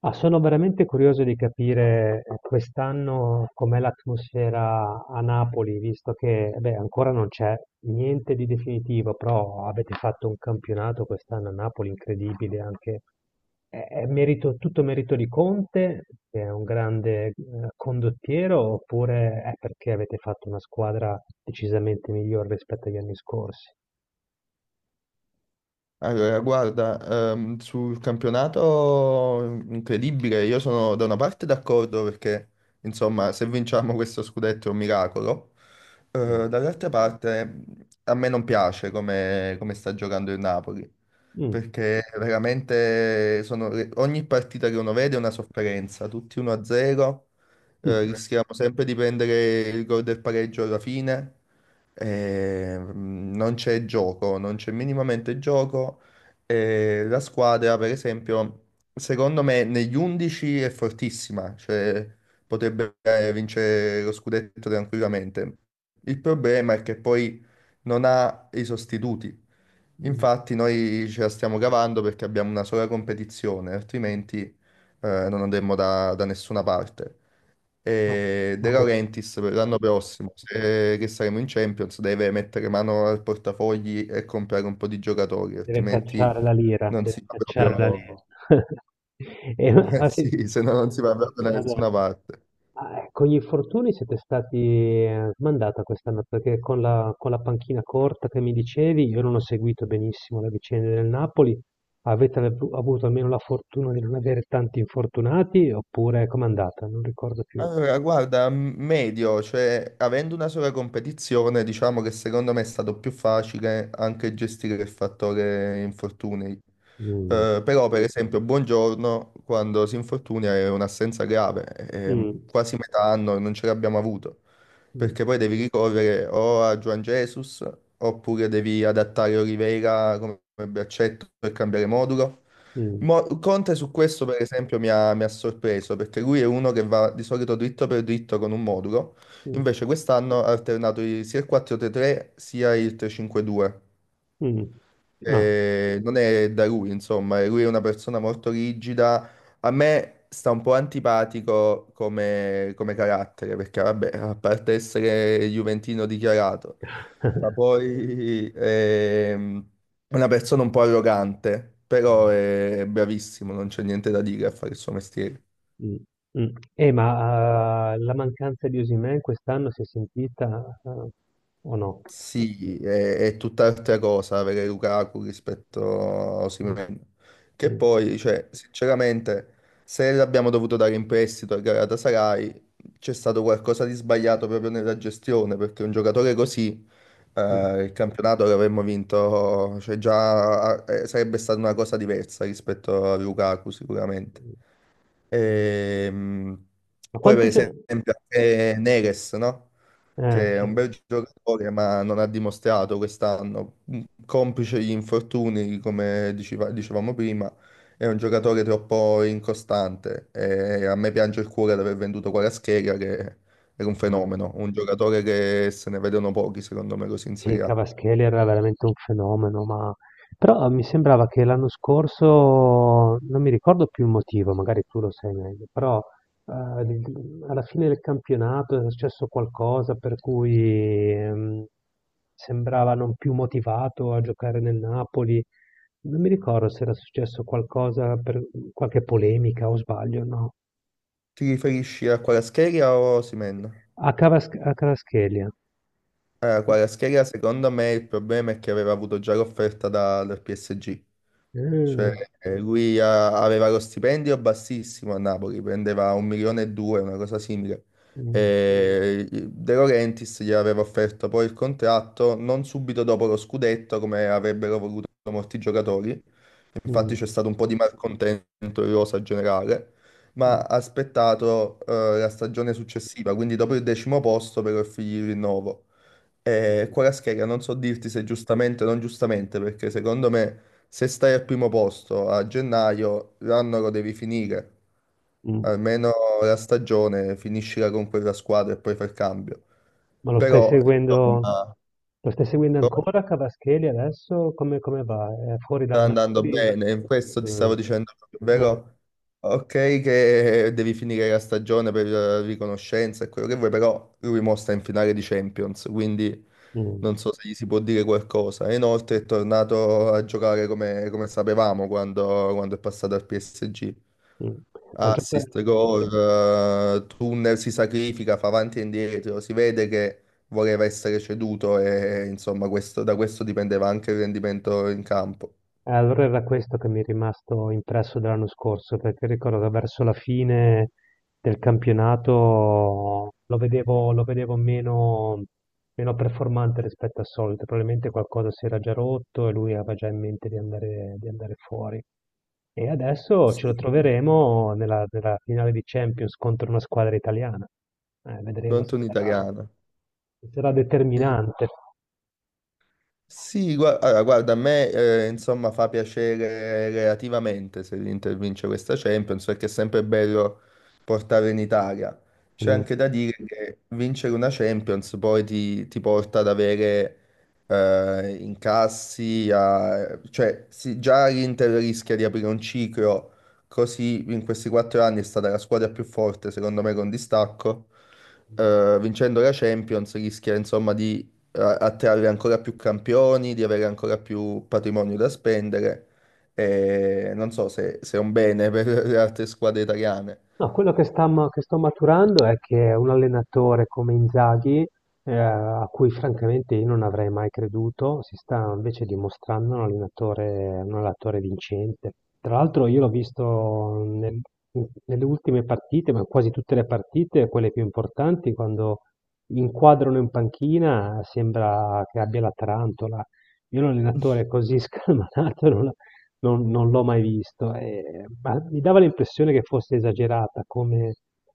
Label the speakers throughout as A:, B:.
A: Ah, sono veramente curioso di capire quest'anno com'è l'atmosfera a Napoli, visto che beh, ancora non c'è niente di definitivo, però avete fatto un campionato quest'anno a Napoli incredibile, anche è merito, tutto merito di Conte, che è un grande condottiero, oppure è perché avete fatto una squadra decisamente migliore rispetto agli anni scorsi?
B: Allora, guarda, sul campionato incredibile, io sono da una parte d'accordo perché, insomma, se vinciamo questo scudetto è un miracolo.
A: Mm.
B: Dall'altra parte a me non piace come sta giocando il Napoli,
A: Mm.
B: perché veramente ogni partita che uno vede è una sofferenza, tutti 1-0, rischiamo sempre di prendere il gol del pareggio alla fine. Non c'è gioco, non c'è minimamente gioco. La squadra, per esempio, secondo me negli 11 è fortissima, cioè potrebbe vincere lo scudetto tranquillamente. Il problema è che poi non ha i sostituti.
A: Mm.
B: Infatti noi ce la stiamo cavando perché abbiamo una sola competizione, altrimenti non andremmo da nessuna parte.
A: Ma,
B: E De
A: ma questo.
B: Laurentiis per l'anno prossimo, se che saremo in Champions, deve mettere mano al portafogli e comprare un po' di giocatori,
A: Deve
B: altrimenti
A: cacciare la lira,
B: non si
A: deve
B: va
A: cacciare la lira.
B: proprio,
A: E ma-
B: Eh
A: ma se-
B: sì, se no non si va proprio da nessuna
A: adesso,
B: parte.
A: ma, con gli infortuni siete stati smandata quest'anno perché con la panchina corta che mi dicevi, io non ho seguito benissimo la vicenda del Napoli. Avete avuto almeno la fortuna di non avere tanti infortunati oppure com'è andata? Non ricordo più.
B: Allora, guarda, medio, cioè avendo una sola competizione, diciamo che secondo me è stato più facile anche gestire il fattore infortuni.
A: Mm,
B: Però, per esempio, Buongiorno, quando si infortuna è un'assenza grave, e
A: mm,
B: quasi metà anno non ce l'abbiamo avuto,
A: mm,
B: perché poi devi ricorrere o a Juan Jesus, oppure devi adattare Oliveira come braccetto per cambiare modulo.
A: mm,
B: Conte su questo, per esempio, mi ha sorpreso perché lui è uno che va di solito dritto per dritto con un modulo,
A: mm,
B: invece quest'anno ha alternato sia il 4-3-3 sia il 3-5-2,
A: mm.
B: non è da lui, insomma, e lui è una persona molto rigida. A me sta un po' antipatico come carattere, perché vabbè, a parte essere juventino dichiarato, ma poi è una persona un po' arrogante, però
A: Ah.
B: è bravissimo, non c'è niente da dire a fare il suo mestiere.
A: Mh, mh. Ma, la mancanza di Osimhen quest'anno si è sentita, o no?
B: Sì, è tutt'altra cosa avere Lukaku rispetto a
A: Mh,
B: Osimhen. Che
A: mh,
B: poi, cioè, sinceramente, se l'abbiamo dovuto dare in prestito al Galatasaray, c'è stato qualcosa di sbagliato proprio nella gestione, perché un giocatore così,
A: mh,
B: il campionato l'avremmo vinto, cioè già sarebbe stata una cosa diversa rispetto a Lukaku, sicuramente.
A: mh.
B: Ehm,
A: Ma
B: Poi, per
A: quante gio
B: esempio, anche Neres, no?
A: Eh,
B: Che è un
A: sì.
B: bel giocatore, ma non ha dimostrato quest'anno, complice gli infortuni, come dicevamo prima, è un giocatore troppo incostante e a me piange il cuore di aver venduto Kvaratskhelia, che era un
A: Vabbè.
B: fenomeno, un giocatore che se ne vedono pochi, secondo me, così in
A: Sì,
B: Serie A.
A: Cavaschelli era veramente un fenomeno, ma però mi sembrava che l'anno scorso, non mi ricordo più il motivo, magari tu lo sai meglio, però eh, di- alla fine del campionato è successo qualcosa per cui sembrava non più motivato a giocare nel Napoli. Non mi ricordo se era successo qualcosa per qualche polemica o sbaglio, no?
B: Ti riferisci a Kvaratskhelia o Osimhen?
A: A Cavaschelli. Eh.
B: Kvaratskhelia, secondo me, il problema è che aveva avuto già l'offerta dal PSG. Cioè,
A: Mm,
B: lui aveva lo stipendio bassissimo a Napoli, prendeva un milione e due, una cosa simile. Mm.
A: mm,
B: E De Laurentiis gli aveva offerto poi il contratto non subito dopo lo scudetto, come avrebbero voluto molti giocatori. Infatti c'è stato un po' di malcontento in rosa generale, ma
A: mm,
B: ha aspettato la stagione successiva, quindi dopo il decimo posto per offrirgli il rinnovo. E
A: mm,
B: Kvaratskhelia non so dirti se giustamente o non giustamente, perché secondo me se stai al primo posto a gennaio, l'anno lo devi finire.
A: mm.
B: Almeno la stagione finiscila con quella squadra e poi fai il cambio.
A: Ma
B: Però, insomma,
A: lo stai seguendo
B: come?
A: ancora Cavaschelli adesso? Come, come va? È fuori dal
B: Sta andando
A: Napoli?
B: bene, questo ti
A: Mm,
B: stavo dicendo proprio,
A: mm,
B: vero? Ok, che devi finire la stagione per riconoscenza e quello che vuoi, però lui mo sta in finale di Champions, quindi
A: mm,
B: non so se gli si può dire qualcosa. E inoltre è tornato a giocare come sapevamo quando è passato al PSG.
A: mm. Ma gioca,
B: Assist, gol, tunnel, si sacrifica, fa avanti e indietro, si vede che voleva essere ceduto e insomma da questo dipendeva anche il rendimento in campo.
A: Allora era questo che mi è rimasto impresso dell'anno scorso, perché ricordo che verso la fine del campionato lo vedevo meno, meno performante rispetto al solito, probabilmente qualcosa si era già rotto e lui aveva già in mente di andare fuori. E adesso ce lo troveremo nella finale di Champions contro una squadra italiana. Vedremo
B: Pronto un'italiana.
A: se sarà determinante.
B: Sì, allora, guarda, a me insomma fa piacere relativamente se l'Inter vince questa Champions, perché è sempre bello portare in Italia. C'è
A: Mm.
B: anche da dire che vincere una Champions poi ti porta ad avere incassi, cioè sì, già l'Inter rischia di aprire un ciclo, così in questi 4 anni è stata la squadra più forte secondo me con distacco. Vincendo la Champions rischia insomma di attrarre ancora più campioni, di avere ancora più patrimonio da spendere. E non so se è un bene per le altre squadre italiane.
A: No, quello che che sto maturando è che un allenatore come Inzaghi, a cui francamente io non avrei mai creduto, si sta invece dimostrando un allenatore vincente. Tra l'altro io l'ho nelle ultime partite, ma quasi tutte le partite, quelle più importanti, quando inquadrano in panchina sembra che abbia la tarantola. Io un allenatore così scalmanato non, non l'ho mai visto, ma mi dava l'impressione che fosse esagerata come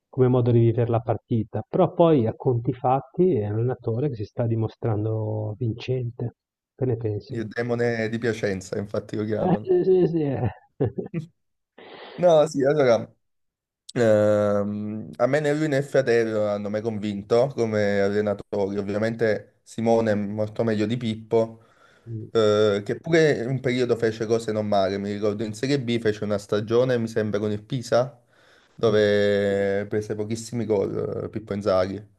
A: come modo di viver la partita, però poi a conti fatti è un allenatore che si sta dimostrando vincente. Che ne pensi?
B: Il demone di Piacenza, infatti lo chiamano.
A: Sì, sì, sì, eh.
B: No, sì, allora, a me né lui né Fiatello hanno mai convinto come allenatori. Ovviamente Simone è molto meglio di Pippo,
A: Mh,
B: che pure in un periodo fece cose non male. Mi ricordo in Serie B fece una stagione, mi sembra, con il Pisa,
A: mh,
B: dove prese pochissimi gol Pippo Inzaghi.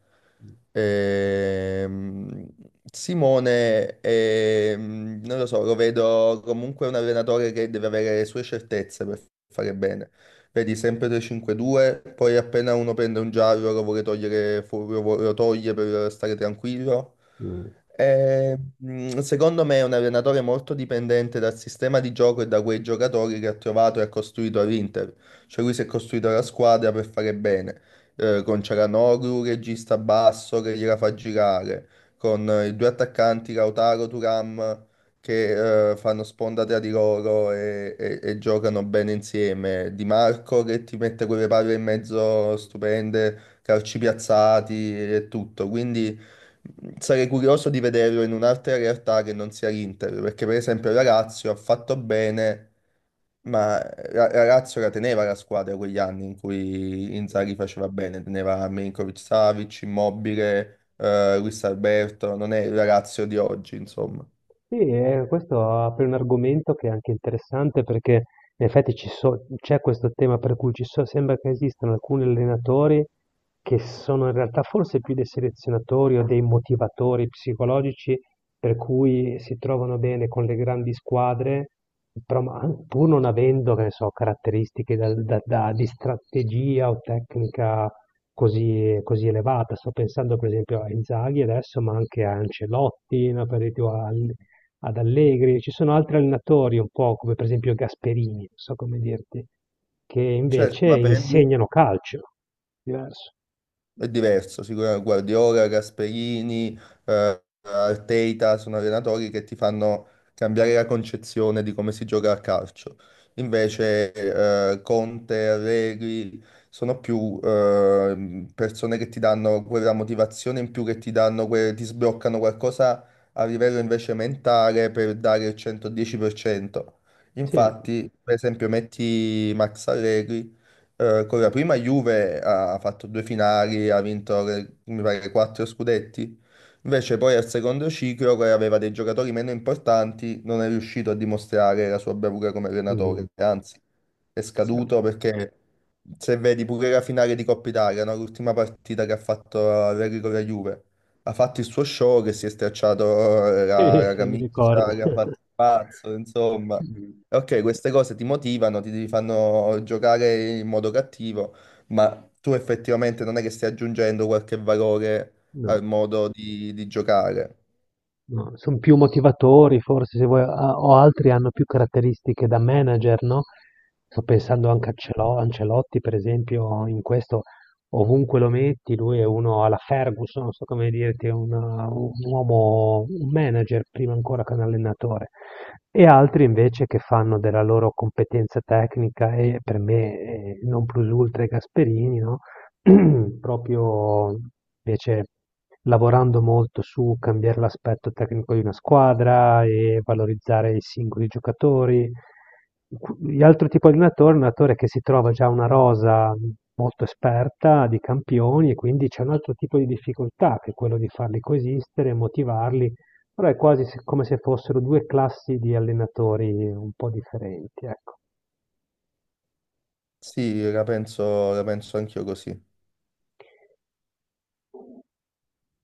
B: Ehm, Simone, non lo so, lo vedo comunque un allenatore che deve avere le sue certezze per fare bene, vedi sempre 3-5-2, poi appena uno prende un giallo lo vuole togliere, lo toglie per stare tranquillo.
A: mh.
B: E, secondo me è un allenatore molto dipendente dal sistema di gioco e da quei giocatori che ha trovato e ha costruito all'Inter. Cioè lui si è costruito la squadra per fare bene, con Cialanoglu, regista basso che gliela fa girare, con i due attaccanti Lautaro, Turam che fanno sponda tra di loro e giocano bene insieme. Di Marco che ti mette quelle palle in mezzo stupende, calci piazzati e tutto. Quindi sarei curioso di vederlo in un'altra realtà che non sia l'Inter, perché per esempio la Lazio ha fatto bene. Ma la Lazio la teneva la squadra quegli anni in cui Inzaghi faceva bene, teneva Milinkovic-Savic, Immobile, Luis Alberto, non è la Lazio di oggi, insomma.
A: Sì, questo apre un argomento che è anche interessante perché in effetti c'è questo tema per cui sembra che esistano alcuni allenatori che sono in realtà forse più dei selezionatori o dei motivatori psicologici per cui si trovano bene con le grandi squadre, però pur non avendo, che ne so, caratteristiche di strategia o tecnica così, così elevata. Sto pensando per esempio a Inzaghi adesso, ma anche a Ancelotti, no, per esempio, ad Allegri, ci sono altri allenatori un po' come per esempio Gasperini, non so come dirti, che
B: Certo,
A: invece
B: ma prendi.
A: insegnano calcio, diverso.
B: È diverso, sicuramente Guardiola, Gasperini, Arteta sono allenatori che ti fanno cambiare la concezione di come si gioca a calcio. Invece Conte, Allegri sono più persone che ti danno quella motivazione in più, che ti danno, ti sbloccano qualcosa a livello invece mentale per dare il 110%.
A: Sì,
B: Infatti, per esempio, metti Max Allegri con la prima Juve ha fatto due finali, ha vinto mi pare quattro scudetti. Invece poi al secondo ciclo, che aveva dei giocatori meno importanti, non è riuscito a dimostrare la sua bravura come
A: Mm.
B: allenatore, anzi è scaduto perché se vedi pure la finale di Coppa Italia, no? L'ultima partita che ha fatto Allegri con la Juve, ha fatto il suo show che si è stracciato la,
A: Sì,
B: la
A: sì, mi ricordo.
B: camicia, che ha fatto il pazzo, insomma. Ok, queste cose ti motivano, ti fanno giocare in modo cattivo, ma tu effettivamente non è che stai aggiungendo qualche valore
A: No.
B: al modo di giocare.
A: No, son più motivatori forse se vuoi, a o altri hanno più caratteristiche da manager, no, sto pensando anche a Celo Ancelotti per esempio in questo, ovunque lo metti lui è uno alla Ferguson, non so come dirti, è una un uomo un manager prima ancora che un allenatore. E altri invece che fanno della loro competenza tecnica e per me, non plus ultra è Gasperini, no, proprio invece lavorando molto su cambiare l'aspetto tecnico di una squadra e valorizzare i singoli giocatori. L'altro tipo di allenatore è un allenatore che si trova già una rosa molto esperta di campioni e quindi c'è un altro tipo di difficoltà che è quello di farli coesistere, motivarli, però è quasi come se fossero due classi di allenatori un po' differenti, ecco.
B: Sì, la penso anch'io così.